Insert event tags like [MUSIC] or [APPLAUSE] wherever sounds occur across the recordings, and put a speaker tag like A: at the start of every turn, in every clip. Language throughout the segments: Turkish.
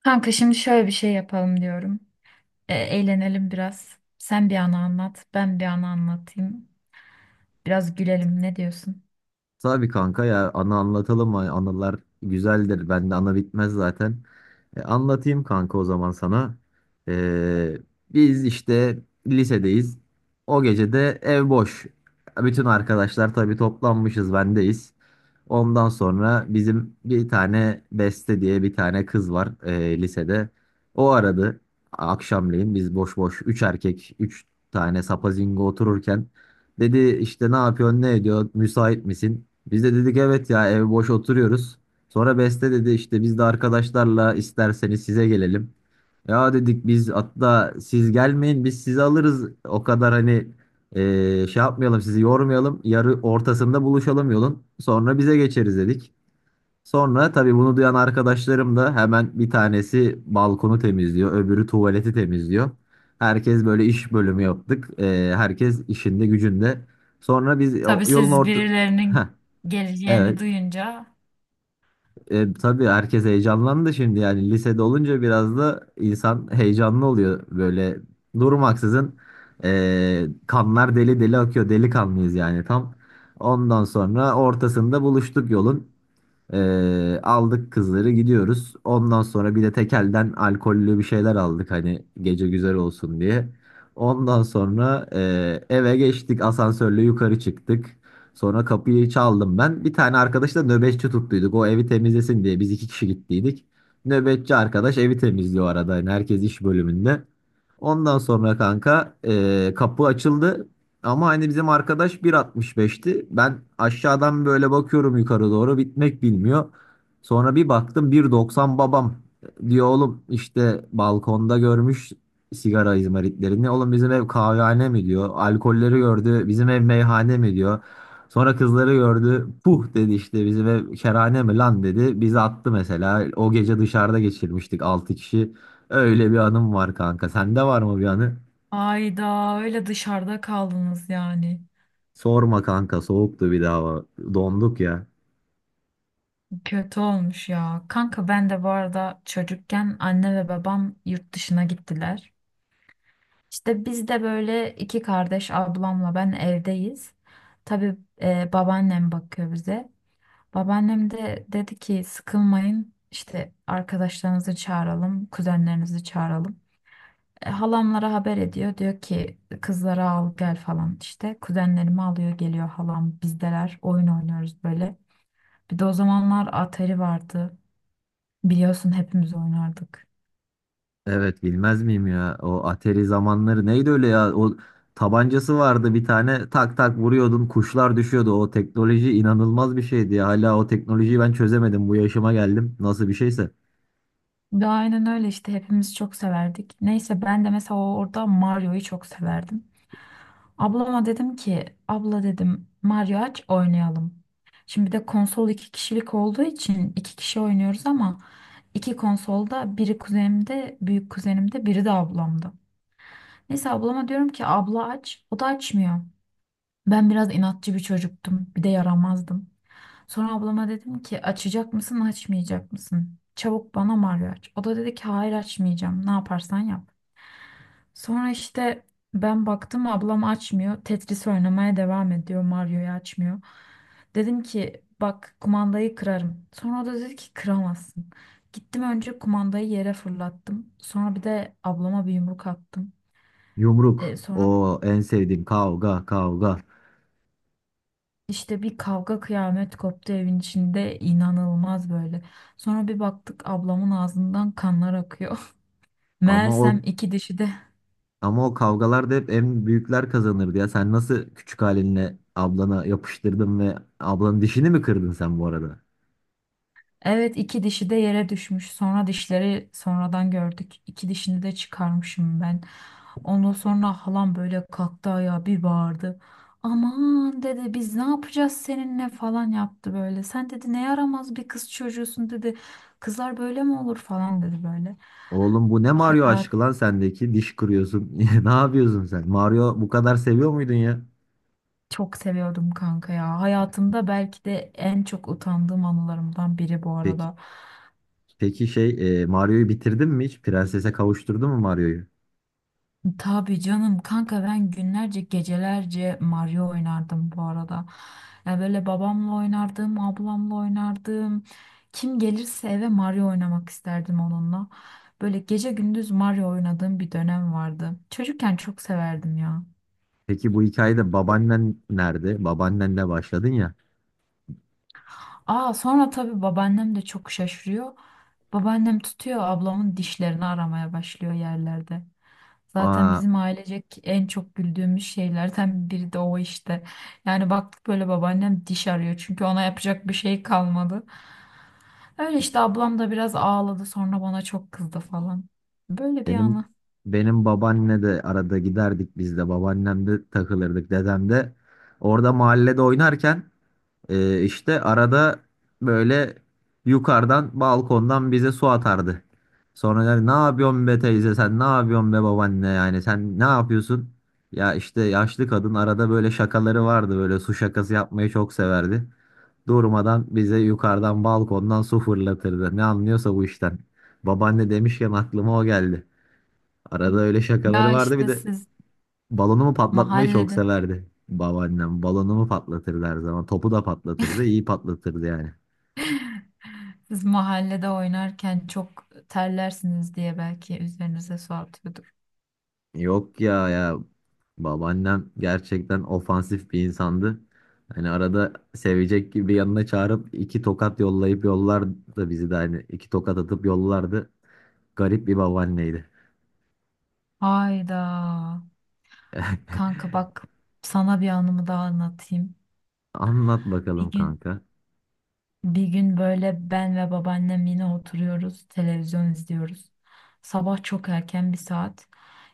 A: Kanka şimdi şöyle bir şey yapalım diyorum. Eğlenelim biraz. Sen bir anı anlat, ben bir anı anlatayım. Biraz gülelim. Ne diyorsun?
B: Tabii kanka ya, anı anlatalım. Hani anılar güzeldir. Bende ana bitmez zaten. Anlatayım kanka o zaman sana. E, biz işte lisedeyiz. O gece de ev boş. Bütün arkadaşlar tabii toplanmışız, bendeyiz. Ondan sonra bizim bir tane Beste diye bir tane kız var lisede. O aradı akşamleyin, biz boş boş üç erkek üç tane sapazingo otururken. Dedi işte, ne yapıyorsun, ne ediyor, müsait misin? Biz de dedik evet ya, ev boş oturuyoruz. Sonra Beste dedi işte, biz de arkadaşlarla isterseniz size gelelim. Ya dedik biz, hatta siz gelmeyin, biz sizi alırız. O kadar hani şey yapmayalım, sizi yormayalım. Yarı ortasında buluşalım yolun. Sonra bize geçeriz dedik. Sonra tabii bunu duyan arkadaşlarım da hemen bir tanesi balkonu temizliyor. Öbürü tuvaleti temizliyor. Herkes böyle iş bölümü yaptık. Herkes işinde gücünde. Sonra biz
A: Tabii
B: yolun
A: siz
B: orta. Heh,
A: birilerinin geleceğini
B: evet.
A: duyunca
B: Tabii herkes heyecanlandı şimdi, yani lisede olunca biraz da insan heyecanlı oluyor böyle durmaksızın, kanlar deli deli akıyor, delikanlıyız yani tam. Ondan sonra ortasında buluştuk yolun. Aldık kızları, gidiyoruz. Ondan sonra bir de tekelden alkollü bir şeyler aldık hani, gece güzel olsun diye. Ondan sonra eve geçtik, asansörle yukarı çıktık. Sonra kapıyı çaldım ben. Bir tane arkadaşla nöbetçi tuttuyduk. O evi temizlesin diye biz iki kişi gittiydik. Nöbetçi arkadaş evi temizliyor arada. Yani herkes iş bölümünde. Ondan sonra kanka kapı açıldı. Ama hani bizim arkadaş 1,65'ti. Ben aşağıdan böyle bakıyorum yukarı doğru, bitmek bilmiyor. Sonra bir baktım 1,90 babam. Diyor, oğlum işte balkonda görmüş sigara izmaritlerini. Oğlum, bizim ev kahvehane mi, diyor. Alkolleri gördü, bizim ev meyhane mi, diyor. Sonra kızları gördü. Puh dedi, işte bizim ev kerhane mi lan, dedi. Bizi attı mesela. O gece dışarıda geçirmiştik 6 kişi. Öyle bir anım var kanka. Sende var mı bir anı?
A: Ayda öyle dışarıda kaldınız yani.
B: Sorma kanka, soğuktu bir daha. Donduk ya.
A: Kötü olmuş ya. Kanka ben de bu arada çocukken anne ve babam yurt dışına gittiler. İşte biz de böyle iki kardeş ablamla ben evdeyiz. Tabii babaannem bakıyor bize. Babaannem de dedi ki sıkılmayın işte arkadaşlarınızı çağıralım, kuzenlerinizi çağıralım. Halamlara haber ediyor. Diyor ki kızları al gel falan işte. Kuzenlerimi alıyor geliyor halam bizdeler oyun oynuyoruz böyle. Bir de o zamanlar Atari vardı. Biliyorsun hepimiz oynardık.
B: Evet, bilmez miyim ya? O Atari zamanları neydi öyle ya. O tabancası vardı bir tane, tak tak vuruyordun, kuşlar düşüyordu. O teknoloji inanılmaz bir şeydi ya. Hala o teknolojiyi ben çözemedim, bu yaşıma geldim, nasıl bir şeyse.
A: De aynen öyle işte hepimiz çok severdik. Neyse ben de mesela orada Mario'yu çok severdim. Ablama dedim ki abla dedim Mario aç oynayalım. Şimdi bir de konsol iki kişilik olduğu için iki kişi oynuyoruz ama iki konsolda biri kuzenimde büyük kuzenimde biri de ablamda. Neyse ablama diyorum ki abla aç o da açmıyor. Ben biraz inatçı bir çocuktum bir de yaramazdım. Sonra ablama dedim ki açacak mısın açmayacak mısın? Çabuk bana Mario aç. O da dedi ki hayır açmayacağım ne yaparsan yap. Sonra işte ben baktım ablam açmıyor. Tetris oynamaya devam ediyor. Mario'yu açmıyor. Dedim ki bak kumandayı kırarım. Sonra o da dedi ki kıramazsın. Gittim önce kumandayı yere fırlattım. Sonra bir de ablama bir yumruk attım.
B: Yumruk,
A: Sonra
B: o en sevdiğim. Kavga, kavga.
A: işte bir kavga kıyamet koptu evin içinde inanılmaz böyle. Sonra bir baktık ablamın ağzından kanlar akıyor. [LAUGHS]
B: Ama
A: Meğersem
B: o,
A: iki dişi de
B: ama o kavgalarda hep en büyükler kazanırdı ya. Sen nasıl küçük halinle ablana yapıştırdın ve ablanın dişini mi kırdın sen bu arada?
A: Evet iki dişi de yere düşmüş. Sonra dişleri sonradan gördük. İki dişini de çıkarmışım ben. Ondan sonra halam böyle kalktı ayağa bir bağırdı. Aman dedi biz ne yapacağız seninle falan yaptı böyle. Sen dedi ne yaramaz bir kız çocuğusun dedi. Kızlar böyle mi olur falan dedi böyle.
B: Oğlum, bu ne Mario
A: Hayat
B: aşkı lan sendeki? Diş kırıyorsun. [LAUGHS] Ne yapıyorsun sen? Mario bu kadar seviyor muydun ya?
A: çok seviyordum kanka ya. Hayatımda belki de en çok utandığım anılarımdan biri bu
B: Peki,
A: arada.
B: peki şey, Mario'yu bitirdin mi hiç? Prensese kavuşturdun mu Mario'yu?
A: Tabii canım kanka ben günlerce gecelerce Mario oynardım bu arada. Ya böyle babamla oynardım, ablamla oynardım. Kim gelirse eve Mario oynamak isterdim onunla. Böyle gece gündüz Mario oynadığım bir dönem vardı. Çocukken çok severdim ya.
B: Peki bu hikayede babaannen nerede? Babaannenle başladın ya.
A: Aa sonra tabii babaannem de çok şaşırıyor. Babaannem tutuyor ablamın dişlerini aramaya başlıyor yerlerde. Zaten
B: Aa,
A: bizim ailecek en çok güldüğümüz şeylerden biri de o işte. Yani baktık böyle babaannem diş arıyor çünkü ona yapacak bir şey kalmadı. Öyle işte ablam da biraz ağladı sonra bana çok kızdı falan. Böyle bir
B: benim
A: anı.
B: benim babaanne de, arada giderdik biz de. Babaannem de takılırdık. Dedem de orada, mahallede oynarken işte arada böyle yukarıdan balkondan bize su atardı. Sonra yani, ne yapıyorsun be teyze, sen ne yapıyorsun be babaanne, yani sen ne yapıyorsun? Ya işte, yaşlı kadın arada böyle şakaları vardı, böyle su şakası yapmayı çok severdi. Durmadan bize yukarıdan balkondan su fırlatırdı. Ne anlıyorsa bu işten. Babaanne demişken aklıma o geldi. Arada öyle şakaları
A: Ya
B: vardı bir
A: işte
B: de.
A: siz
B: Balonumu patlatmayı çok
A: mahallede
B: severdi babaannem. Balonumu patlatırdı her zaman. Topu da patlatırdı. İyi patlatırdı yani.
A: [LAUGHS] siz mahallede oynarken çok terlersiniz diye belki üzerinize su atıyordur.
B: Yok ya, babaannem gerçekten ofansif bir insandı. Hani arada sevecek gibi yanına çağırıp iki tokat yollayıp yollardı bizi de, hani iki tokat atıp yollardı. Garip bir babaanneydi.
A: Hayda. Kanka
B: [LAUGHS]
A: bak sana bir anımı daha anlatayım.
B: Anlat
A: Bir
B: bakalım
A: gün
B: kanka.
A: Bir gün böyle ben ve babaannem yine oturuyoruz, televizyon izliyoruz. Sabah çok erken bir saat.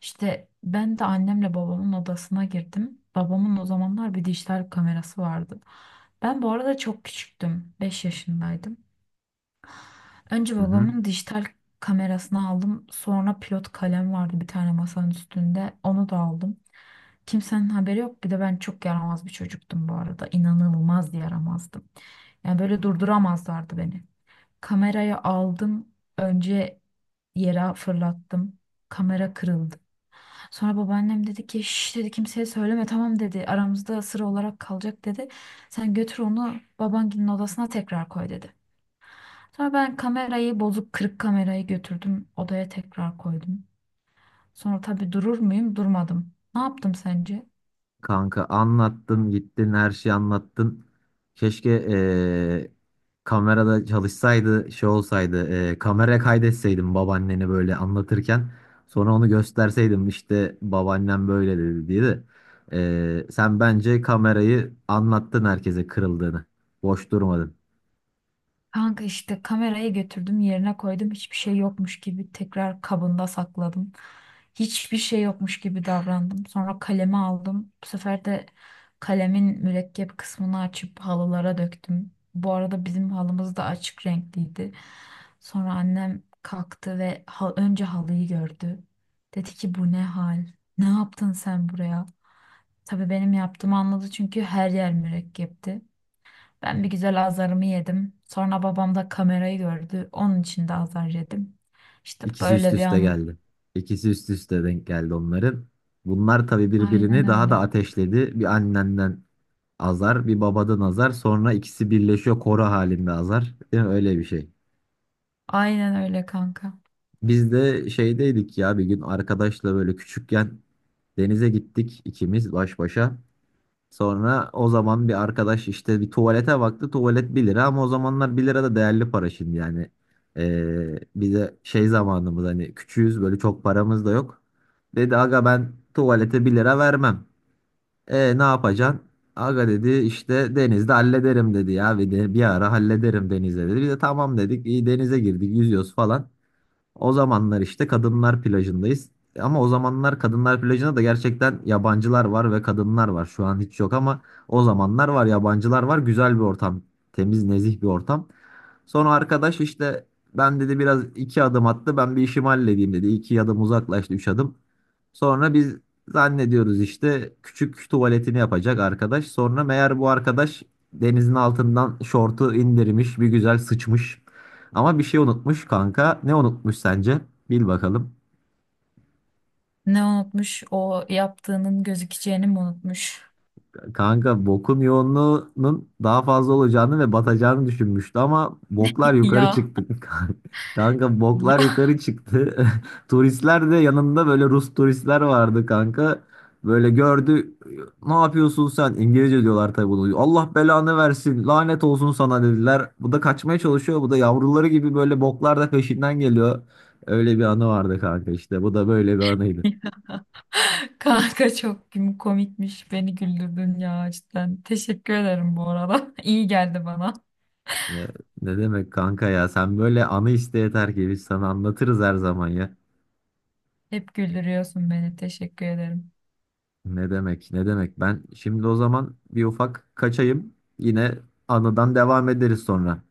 A: İşte ben de annemle babamın odasına girdim. Babamın o zamanlar bir dijital kamerası vardı. Ben bu arada çok küçüktüm, 5 yaşındaydım. Önce
B: Hı hı.
A: babamın dijital kamerasını aldım. Sonra pilot kalem vardı bir tane masanın üstünde. Onu da aldım. Kimsenin haberi yok. Bir de ben çok yaramaz bir çocuktum bu arada. İnanılmaz yaramazdım. Yani böyle durduramazlardı beni. Kamerayı aldım. Önce yere fırlattım. Kamera kırıldı. Sonra babaannem dedi ki şş dedi kimseye söyleme tamam dedi. Aramızda sır olarak kalacak dedi. Sen götür onu babanginin odasına tekrar koy dedi. Sonra ben kamerayı bozuk kırık kamerayı götürdüm odaya tekrar koydum. Sonra tabii durur muyum? Durmadım. Ne yaptım sence?
B: Kanka, anlattın gittin her şeyi, anlattın. Keşke kamerada çalışsaydı, şey olsaydı, kameraya kaydetseydim babaanneni böyle anlatırken. Sonra onu gösterseydim işte, babaannem böyle dedi diye de. Sen bence kamerayı anlattın herkese, kırıldığını. Boş durmadın.
A: Kanka işte kamerayı götürdüm yerine koydum hiçbir şey yokmuş gibi tekrar kabında sakladım. Hiçbir şey yokmuş gibi davrandım. Sonra kalemi aldım. Bu sefer de kalemin mürekkep kısmını açıp halılara döktüm. Bu arada bizim halımız da açık renkliydi. Sonra annem kalktı ve önce halıyı gördü. Dedi ki bu ne hal? Ne yaptın sen buraya? Tabii benim yaptığımı anladı çünkü her yer mürekkepti. Ben bir güzel azarımı yedim. Sonra babam da kamerayı gördü. Onun için de azar yedim. İşte bu da
B: İkisi üst
A: öyle bir
B: üste
A: anı.
B: geldi. İkisi üst üste denk geldi onların. Bunlar tabii
A: Aynen
B: birbirini daha da
A: öyle.
B: ateşledi. Bir annenden azar, bir babadan azar, sonra ikisi birleşiyor koro halinde azar. Değil mi? Öyle bir şey.
A: Aynen öyle kanka.
B: Biz de şeydeydik ya, bir gün arkadaşla böyle küçükken denize gittik ikimiz baş başa. Sonra o zaman bir arkadaş işte bir tuvalete baktı. Tuvalet bir lira, ama o zamanlar bir lira da değerli para, şimdi yani. Bir de şey zamanımız, hani küçüğüz böyle, çok paramız da yok. Dedi, aga ben tuvalete bir lira vermem. E, ne yapacaksın? Aga dedi, işte denizde hallederim dedi ya, bir de bir ara hallederim denizde dedi. Bir de tamam dedik, iyi, denize girdik yüzüyoruz falan. O zamanlar işte kadınlar plajındayız. Ama o zamanlar kadınlar plajında da gerçekten yabancılar var ve kadınlar var. Şu an hiç yok, ama o zamanlar var, yabancılar var. Güzel bir ortam. Temiz, nezih bir ortam. Sonra arkadaş işte, ben dedi biraz, iki adım attı. Ben bir işimi halledeyim dedi. İki adım uzaklaştı, üç adım. Sonra biz zannediyoruz işte, küçük tuvaletini yapacak arkadaş. Sonra meğer bu arkadaş denizin altından şortu indirmiş, bir güzel sıçmış. Ama bir şey unutmuş kanka. Ne unutmuş sence? Bil bakalım.
A: Ne unutmuş? O yaptığının gözükeceğini mi unutmuş?
B: Kanka, bokun yoğunluğunun daha fazla olacağını ve batacağını düşünmüştü, ama boklar
A: [LAUGHS]
B: yukarı
A: Ya.
B: çıktı. [LAUGHS] Kanka, boklar
A: Ya
B: yukarı çıktı. [LAUGHS] Turistler de yanında, böyle Rus turistler vardı kanka. Böyle gördü. Ne yapıyorsun sen? İngilizce diyorlar tabii bunu. Allah belanı versin, lanet olsun sana, dediler. Bu da kaçmaya çalışıyor. Bu da yavruları gibi böyle boklar da peşinden geliyor. Öyle bir anı vardı kanka işte. Bu da böyle bir anıydı.
A: kanka çok komikmiş. Beni güldürdün ya cidden. Teşekkür ederim bu arada. [LAUGHS] İyi geldi bana.
B: Ne, ne demek kanka ya, sen böyle anı iste yeter ki, biz sana anlatırız her zaman ya.
A: Hep güldürüyorsun beni. Teşekkür ederim.
B: Ne demek, ne demek. Ben şimdi o zaman bir ufak kaçayım, yine anıdan devam ederiz sonra.